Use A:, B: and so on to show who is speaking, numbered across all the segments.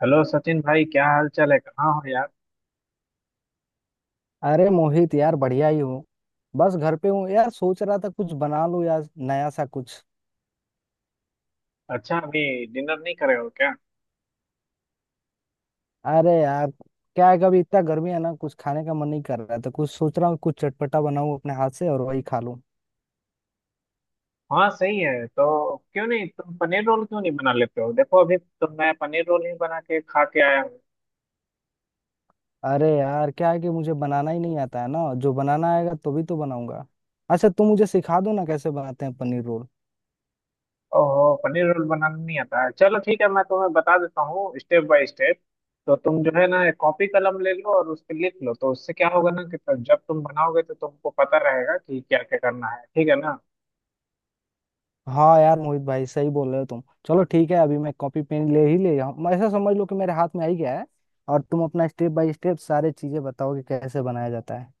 A: Hello Sachin भाई, क्या हाल चाल है? कहाँ हो यार?
B: अरे मोहित यार, बढ़िया ही हूँ। बस घर पे हूँ यार, सोच रहा था कुछ बना लूँ यार, नया सा कुछ।
A: अच्छा, अभी डिनर नहीं करे हो क्या?
B: अरे यार, क्या है कभी इतना गर्मी है ना, कुछ खाने का मन नहीं कर रहा है, तो कुछ सोच रहा हूँ कुछ चटपटा बनाऊँ अपने हाथ से और वही खा लूँ।
A: हाँ सही है, तो क्यों नहीं तुम पनीर रोल क्यों नहीं बना लेते हो। देखो अभी तो मैं पनीर रोल ही बना के खा के आया हूँ।
B: अरे यार, क्या है कि मुझे बनाना ही नहीं आता है ना, जो बनाना आएगा तो भी तो बनाऊंगा। अच्छा तुम मुझे सिखा दो ना कैसे बनाते हैं पनीर रोल।
A: ओहो, पनीर रोल बनाना नहीं आता है? चलो ठीक है, मैं तुम्हें बता देता हूँ स्टेप बाय स्टेप। तो तुम जो है ना एक कॉपी कलम ले लो और उस पर लिख लो, तो उससे क्या होगा ना कि तब जब तुम बनाओगे तो तुमको पता रहेगा कि क्या क्या करना है। ठीक है ना?
B: हाँ यार मोहित भाई, सही बोल रहे हो तुम। चलो ठीक है, अभी मैं कॉपी पेन ले ही ले जाऊँ, ऐसा समझ लो कि मेरे हाथ में आ ही गया है। और तुम अपना स्टेप बाय स्टेप सारे चीजें बताओ कि कैसे बनाया जाता है।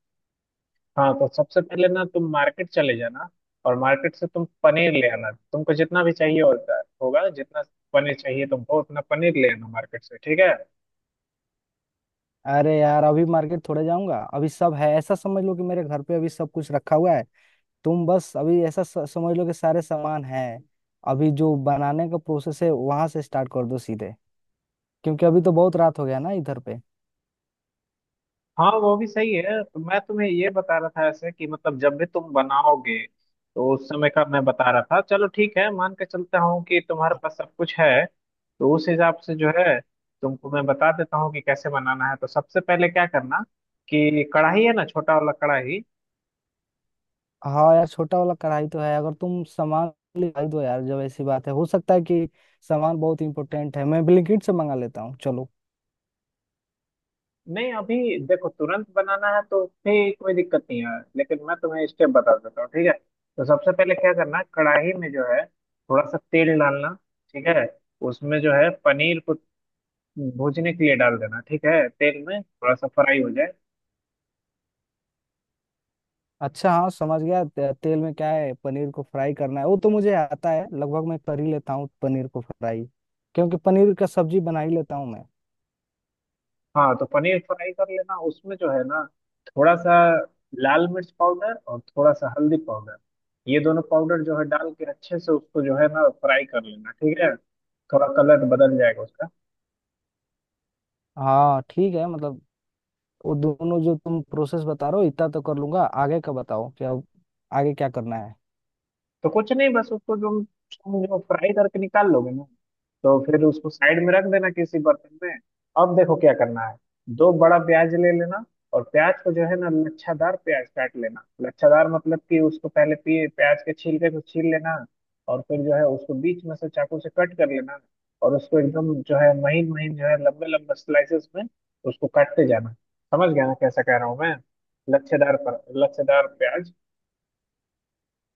A: हाँ तो सबसे पहले ना तुम मार्केट चले जाना और मार्केट से तुम पनीर ले आना। तुमको जितना भी चाहिए होता होगा, जितना पनीर चाहिए तुमको उतना पनीर ले आना मार्केट से। ठीक है।
B: अरे यार, अभी मार्केट थोड़े जाऊंगा, अभी सब है, ऐसा समझ लो कि मेरे घर पे अभी सब कुछ रखा हुआ है। तुम बस अभी ऐसा समझ लो कि सारे सामान है। अभी जो बनाने का प्रोसेस है वहां से स्टार्ट कर दो सीधे, क्योंकि अभी तो बहुत रात हो गया ना इधर पे।
A: हाँ वो भी सही है, तो मैं तुम्हें ये बता रहा था ऐसे कि मतलब जब भी तुम बनाओगे तो उस समय का मैं बता रहा था। चलो ठीक है, मान के चलता हूँ कि तुम्हारे पास सब कुछ है तो उस हिसाब से जो है तुमको मैं बता देता हूँ कि कैसे बनाना है। तो सबसे पहले क्या करना कि कढ़ाई है ना, छोटा वाला कढ़ाई।
B: हाँ यार, छोटा वाला कढ़ाई तो है। अगर तुम सामान ले दो यार, जब ऐसी बात है, हो सकता है कि सामान बहुत इंपॉर्टेंट है, मैं ब्लिंकिट से मंगा लेता हूँ चलो।
A: नहीं अभी देखो, तुरंत बनाना है तो फिर कोई दिक्कत नहीं है, लेकिन मैं तुम्हें स्टेप बता देता हूँ। ठीक है। तो सबसे पहले क्या करना, कढ़ाई में जो है थोड़ा सा तेल डालना। ठीक है। उसमें जो है पनीर को भूनने के लिए डाल देना। ठीक है, तेल में थोड़ा सा फ्राई हो जाए।
B: अच्छा, हाँ समझ गया। तेल में क्या है पनीर को फ्राई करना है, वो तो मुझे आता है, लगभग मैं कर ही लेता हूँ पनीर को फ्राई, क्योंकि पनीर का सब्जी बना ही लेता हूँ मैं।
A: हाँ तो पनीर फ्राई कर लेना, उसमें जो है ना थोड़ा सा लाल मिर्च पाउडर और थोड़ा सा हल्दी पाउडर, ये दोनों पाउडर जो है डाल के अच्छे से उसको जो है ना फ्राई कर लेना। ठीक है, थोड़ा कलर बदल जाएगा उसका।
B: हाँ ठीक है, मतलब वो दोनों जो तुम प्रोसेस बता रहे हो इतना तो कर लूंगा। आगे का बताओ क्या आगे क्या करना है।
A: तो कुछ नहीं, बस उसको जो तुम जो फ्राई करके निकाल लोगे ना तो फिर उसको साइड में रख देना किसी बर्तन में। अब देखो क्या करना है, दो बड़ा प्याज ले लेना और प्याज को जो है ना लच्छादार प्याज काट लेना। लच्छादार मतलब कि उसको पहले पी प्याज के छिलके को छील लेना, और फिर जो है उसको बीच में से चाकू से कट कर लेना, और उसको एकदम जो है महीन महीन जो है लंबे लंबे स्लाइसेस में उसको काटते जाना। समझ गया ना कैसा कह रहा हूँ मैं, लच्छेदार पर लच्छेदार प्याज।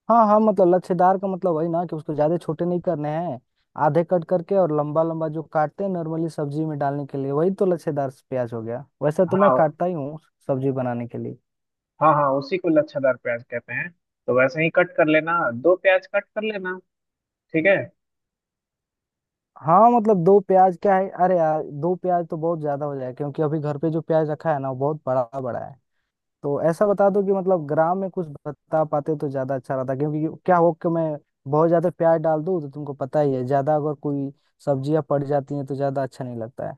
B: हाँ हाँ, मतलब लच्छेदार का मतलब वही ना कि उसको ज्यादा छोटे नहीं करने हैं, आधे कट करके और लंबा लंबा जो काटते हैं नॉर्मली सब्जी में डालने के लिए, वही तो लच्छेदार प्याज हो गया, वैसे तो मैं
A: हाँ
B: काटता ही हूँ सब्जी बनाने के लिए।
A: हाँ हाँ, उसी को लच्छादार प्याज कहते हैं, तो वैसे ही कट कर लेना। दो प्याज कट कर लेना। ठीक है।
B: हाँ, मतलब दो प्याज क्या है, अरे यार दो प्याज तो बहुत ज्यादा हो जाए, क्योंकि अभी घर पे जो प्याज रखा है ना वो बहुत बड़ा बड़ा है। तो ऐसा बता दो कि मतलब ग्राम में कुछ बता पाते तो ज्यादा अच्छा रहता, क्योंकि क्या हो कि मैं बहुत ज्यादा प्याज डाल दूँ तो तुमको पता ही है, ज्यादा अगर कोई सब्जियां पड़ जाती हैं तो ज्यादा अच्छा नहीं लगता है।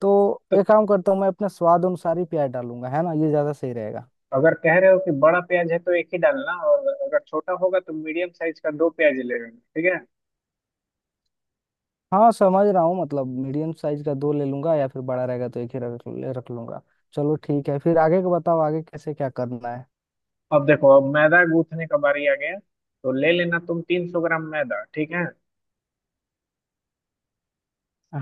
B: तो
A: तो
B: एक काम करता हूँ, मैं अपने स्वाद अनुसार ही प्याज डालूंगा, है ना, ये ज्यादा सही रहेगा।
A: अगर कह रहे हो कि बड़ा प्याज है तो एक ही डालना, और अगर छोटा होगा तो मीडियम साइज का दो प्याज ले लेना। ठीक है।
B: हाँ समझ रहा हूँ, मतलब मीडियम साइज का दो ले लूंगा, या फिर बड़ा रहेगा तो एक ही रख रख लूंगा। चलो ठीक है, फिर आगे का बताओ आगे कैसे क्या करना है।
A: अब देखो, अब मैदा गूंथने का बारी आ गया। तो ले लेना तुम 300 ग्राम मैदा। ठीक है।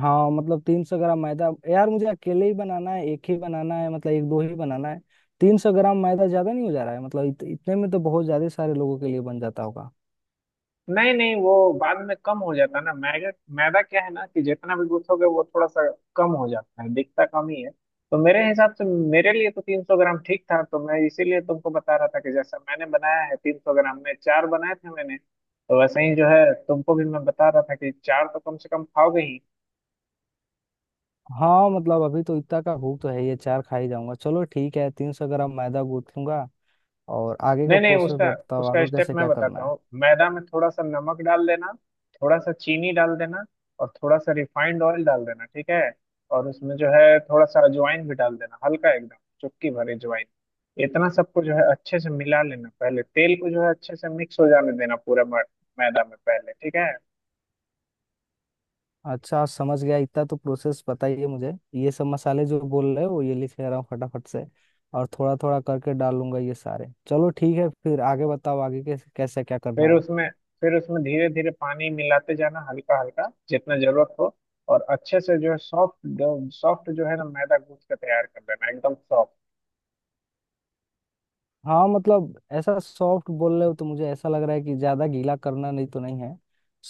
B: हाँ, मतलब 300 ग्राम मैदा यार मुझे अकेले ही बनाना है, एक ही बनाना है, मतलब एक दो ही बनाना है। 300 ग्राम मैदा ज्यादा नहीं हो जा रहा है, मतलब इतने में तो बहुत ज्यादा सारे लोगों के लिए बन जाता होगा।
A: नहीं नहीं, वो बाद में कम हो जाता है ना मैदा। मैदा क्या है ना कि जितना भी गूंथोगे वो थोड़ा सा कम हो जाता है, दिखता कम ही है। तो मेरे हिसाब से मेरे लिए तो 300 ग्राम ठीक था, तो मैं इसीलिए तुमको बता रहा था कि जैसा मैंने बनाया है 300 ग्राम में चार बनाए थे मैंने, तो वैसे ही जो है तुमको भी मैं बता रहा था कि चार तो कम से कम खाओगे ही।
B: हाँ मतलब, अभी तो इतना का भूख तो है, ये चार खा ही जाऊंगा। चलो ठीक है, 300 ग्राम मैदा गूंथ लूंगा और आगे का
A: नहीं नहीं,
B: प्रोसेस
A: उसका
B: बताओ
A: उसका
B: आगे
A: स्टेप
B: कैसे
A: मैं
B: क्या करना
A: बताता
B: है।
A: हूँ। मैदा में थोड़ा सा नमक डाल देना, थोड़ा सा चीनी डाल देना, और थोड़ा सा रिफाइंड ऑयल डाल देना। ठीक है। और उसमें जो है थोड़ा सा अजवाइन भी डाल देना, हल्का एकदम चुटकी भर अजवाइन। इतना सबको जो है अच्छे से मिला लेना, पहले तेल को जो है अच्छे से मिक्स हो जाने देना पूरा मैदा में पहले। ठीक है।
B: अच्छा समझ गया, इतना तो प्रोसेस बताइए मुझे, ये सब मसाले जो बोल रहे हो ये लिख ले रहा हूँ फटाफट से, और थोड़ा थोड़ा करके डालूंगा ये सारे। चलो ठीक है, फिर आगे बताओ आगे कैसे कैसे क्या करना
A: फिर
B: है।
A: उसमें फिर उसमें धीरे धीरे पानी मिलाते जाना, हल्का हल्का जितना जरूरत हो, और अच्छे से जो है सॉफ्ट सॉफ्ट जो है ना मैदा गूंथ के तैयार कर लेना, एकदम सॉफ्ट।
B: हाँ मतलब ऐसा सॉफ्ट बोल रहे हो, तो मुझे ऐसा लग रहा है कि ज्यादा गीला करना नहीं, तो नहीं है।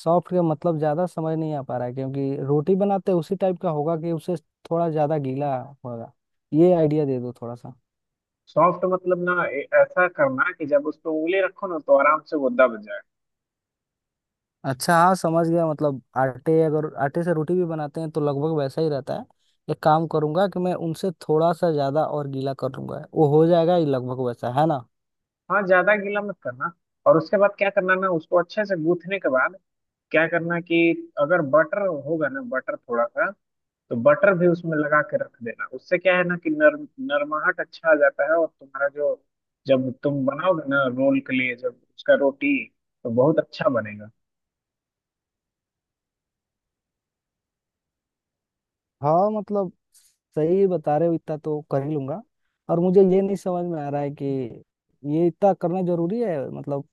B: सॉफ्ट का मतलब ज्यादा समझ नहीं आ पा रहा है, क्योंकि रोटी बनाते हैं उसी टाइप का होगा कि उसे थोड़ा ज्यादा गीला होगा। ये आइडिया दे दो थोड़ा सा।
A: सॉफ्ट मतलब ना ऐसा करना कि जब उस पे उंगली रखो ना तो आराम से वो दब जाए।
B: अच्छा हाँ समझ गया, मतलब आटे, अगर आटे से रोटी भी बनाते हैं तो लगभग वैसा ही रहता है। एक काम करूंगा कि मैं उनसे थोड़ा सा ज्यादा और गीला कर लूंगा, वो हो जाएगा, ये लगभग वैसा है ना।
A: हाँ ज्यादा गीला मत करना। और उसके बाद क्या करना ना, उसको अच्छे से गूथने के बाद क्या करना कि अगर बटर होगा ना, बटर थोड़ा सा, तो बटर भी उसमें लगा के रख देना, उससे क्या है ना कि नरम नरमाहट अच्छा आ जाता है। और तुम्हारा जो जब तुम बनाओगे ना रोल के लिए जब उसका रोटी तो बहुत अच्छा बनेगा।
B: हाँ मतलब सही बता रहे हो, इतना तो कर ही लूंगा। और मुझे ये नहीं समझ में आ रहा है कि ये इतना करना जरूरी है, मतलब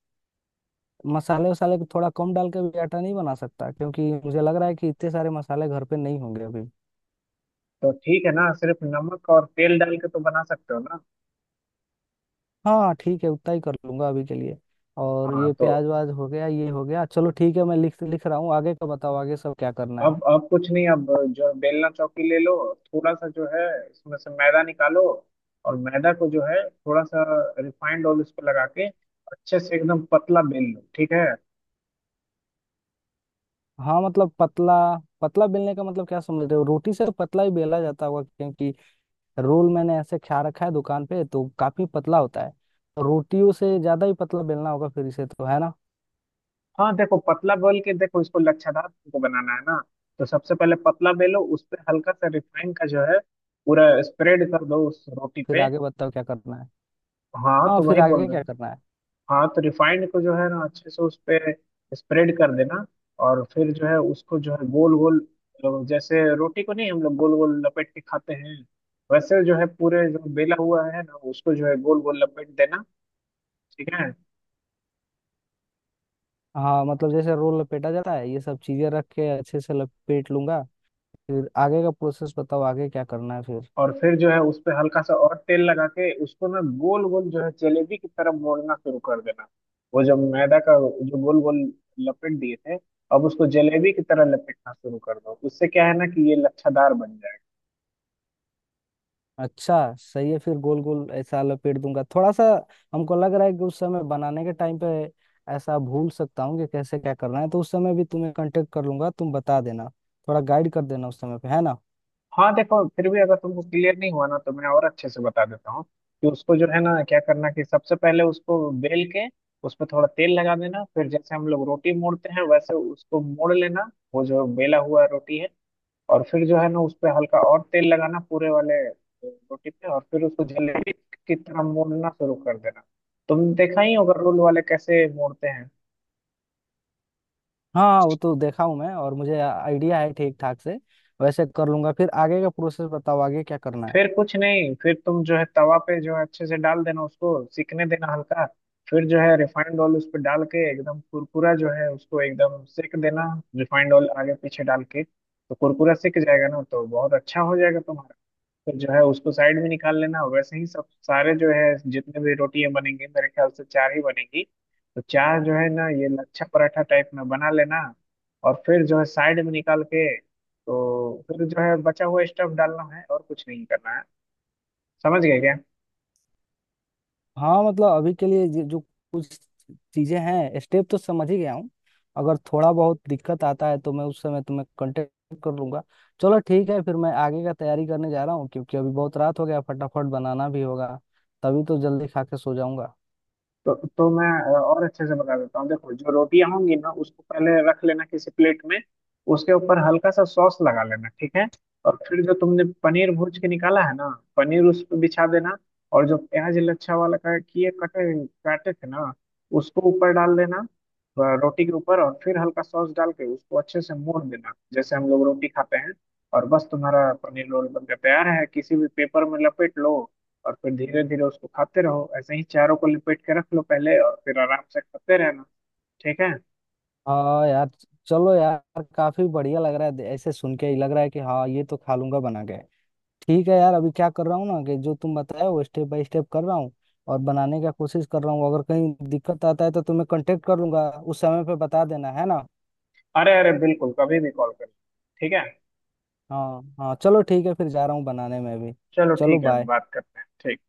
B: मसाले वसाले को थोड़ा कम डाल के भी आटा नहीं बना सकता, क्योंकि मुझे लग रहा है कि इतने सारे मसाले घर पे नहीं होंगे अभी।
A: तो ठीक है ना, सिर्फ नमक और तेल डाल के तो बना सकते हो ना।
B: हाँ ठीक है, उतना ही कर लूंगा अभी के लिए। और
A: हाँ
B: ये
A: तो
B: प्याज व्याज हो गया, ये हो गया। चलो ठीक है, मैं लिख लिख रहा हूँ। आगे का बताओ आगे सब क्या करना है।
A: अब कुछ नहीं, अब जो बेलना चौकी ले लो। थोड़ा सा जो है इसमें से मैदा निकालो, और मैदा को जो है थोड़ा सा रिफाइंड ऑयल इस पे लगा के अच्छे से एकदम पतला बेल लो। ठीक है।
B: हाँ मतलब पतला, पतला बेलने का मतलब क्या समझ रहे हो, रोटी से तो पतला ही बेला जाता होगा, क्योंकि रोल मैंने ऐसे खा रखा है दुकान पे तो काफी पतला होता है। तो रोटियों से ज्यादा ही पतला बेलना होगा फिर इसे, तो है ना।
A: हाँ देखो पतला बेल के देखो, इसको लच्छादार तुमको बनाना है ना, तो सबसे पहले पतला बेलो, उस पे हल्का सा रिफाइंड का जो है पूरा स्प्रेड कर दो उस रोटी
B: फिर
A: पे।
B: आगे बताओ क्या करना है।
A: हाँ
B: हाँ
A: तो
B: फिर
A: वही बोल
B: आगे
A: रहा
B: क्या
A: हूँ।
B: करना है।
A: हाँ तो रिफाइंड को जो है ना अच्छे से उस पे स्प्रेड कर देना, और फिर जो है उसको जो है गोल गोल जैसे रोटी को नहीं हम लोग गोल गोल लपेट के खाते हैं, वैसे जो है पूरे जो बेला हुआ है ना उसको जो है गोल गोल लपेट देना। ठीक है।
B: हाँ मतलब जैसे रोल लपेटा जाता है ये सब चीजें रख के अच्छे से लपेट लूंगा। फिर आगे का प्रोसेस बताओ आगे क्या करना है फिर।
A: और फिर जो है उस पे हल्का सा और तेल लगा के उसको ना गोल गोल जो है जलेबी की तरह मोड़ना शुरू कर देना। वो जो मैदा का जो गोल गोल लपेट दिए थे, अब उसको जलेबी की तरह लपेटना शुरू कर दो, उससे क्या है ना कि ये लच्छादार बन जाए।
B: अच्छा सही है, फिर गोल गोल ऐसा लपेट दूंगा थोड़ा सा। हमको लग रहा है कि उस समय बनाने के टाइम पे ऐसा भूल सकता हूँ कि कैसे क्या करना है, तो उस समय भी तुम्हें कांटेक्ट कर लूंगा, तुम बता देना थोड़ा गाइड कर देना उस समय पे, है ना।
A: हाँ देखो, फिर भी अगर तुमको क्लियर नहीं हुआ ना तो मैं और अच्छे से बता देता हूँ कि उसको जो है ना क्या करना कि सबसे पहले उसको बेल के उस पर थोड़ा तेल लगा देना, फिर जैसे हम लोग रोटी मोड़ते हैं वैसे उसको मोड़ लेना, वो जो बेला हुआ रोटी है, और फिर जो है ना उस पर हल्का और तेल लगाना पूरे वाले रोटी पे, और फिर उसको जलेबी की तरह मोड़ना शुरू कर देना। तुम देखा ही होगा रोल वाले कैसे मोड़ते हैं।
B: हाँ वो तो देखा हूँ मैं, और मुझे आइडिया है ठीक ठाक से, वैसे कर लूंगा। फिर आगे का प्रोसेस बताओ आगे क्या करना है।
A: फिर कुछ नहीं, फिर तुम जो है तवा पे जो है अच्छे से डाल देना उसको, सिकने देना हल्का। फिर जो है रिफाइंड ऑयल उस पर डाल के एकदम कुरकुरा जो है उसको एकदम सेक देना। रिफाइंड ऑयल आगे पीछे डाल के तो कुरकुरा सिक जाएगा ना तो बहुत अच्छा हो जाएगा तुम्हारा। फिर जो है उसको साइड में निकाल लेना, वैसे ही सब सारे जो है जितने भी रोटियां बनेंगी, मेरे ख्याल से चार ही बनेगी। तो चार जो है ना ये लच्छा पराठा टाइप में बना लेना, और फिर जो है साइड में निकाल के तो फिर जो है बचा हुआ स्टफ डालना है, और कुछ नहीं करना है। समझ गए क्या?
B: हाँ मतलब अभी के लिए जो जो कुछ चीजें हैं स्टेप तो समझ ही गया हूँ, अगर थोड़ा बहुत दिक्कत आता है तो मैं उस समय तुम्हें कांटेक्ट कर लूंगा। चलो ठीक है, फिर मैं आगे का तैयारी करने जा रहा हूँ, क्योंकि अभी बहुत रात हो गया फटाफट बनाना भी होगा, तभी तो जल्दी खा के सो जाऊंगा।
A: तो मैं और अच्छे से बता देता हूँ। देखो जो रोटियां होंगी ना उसको पहले रख लेना किसी प्लेट में, उसके ऊपर हल्का सा सॉस लगा लेना। ठीक है। और फिर जो तुमने पनीर भूज के निकाला है ना, पनीर उस पर बिछा देना, और जो प्याज लच्छा वाला का किए कटे काटे थे ना उसको ऊपर डाल देना रोटी के ऊपर, और फिर हल्का सॉस डाल के उसको अच्छे से मोड़ देना जैसे हम लोग रोटी खाते हैं। और बस तुम्हारा पनीर रोल बनकर तैयार है, किसी भी पेपर में लपेट लो और फिर धीरे धीरे उसको खाते रहो, ऐसे ही चारों को लपेट के रख लो पहले और फिर आराम से खाते रहना। ठीक है।
B: हाँ यार, चलो यार काफी बढ़िया लग रहा है, ऐसे सुन के ही लग रहा है कि हाँ ये तो खा लूंगा बना के। ठीक है यार, अभी क्या कर रहा हूँ ना कि जो तुम बताए वो स्टेप बाय स्टेप कर रहा हूँ और बनाने का कोशिश कर रहा हूँ। अगर कहीं दिक्कत आता है तो तुम्हें कांटेक्ट कर लूंगा, उस समय पे बता देना, है ना।
A: अरे अरे बिल्कुल, कभी भी कॉल करना। ठीक है।
B: हाँ हाँ चलो ठीक है, फिर जा रहा हूँ बनाने में भी।
A: चलो
B: चलो
A: ठीक है, हम
B: बाय।
A: बात करते हैं। ठीक।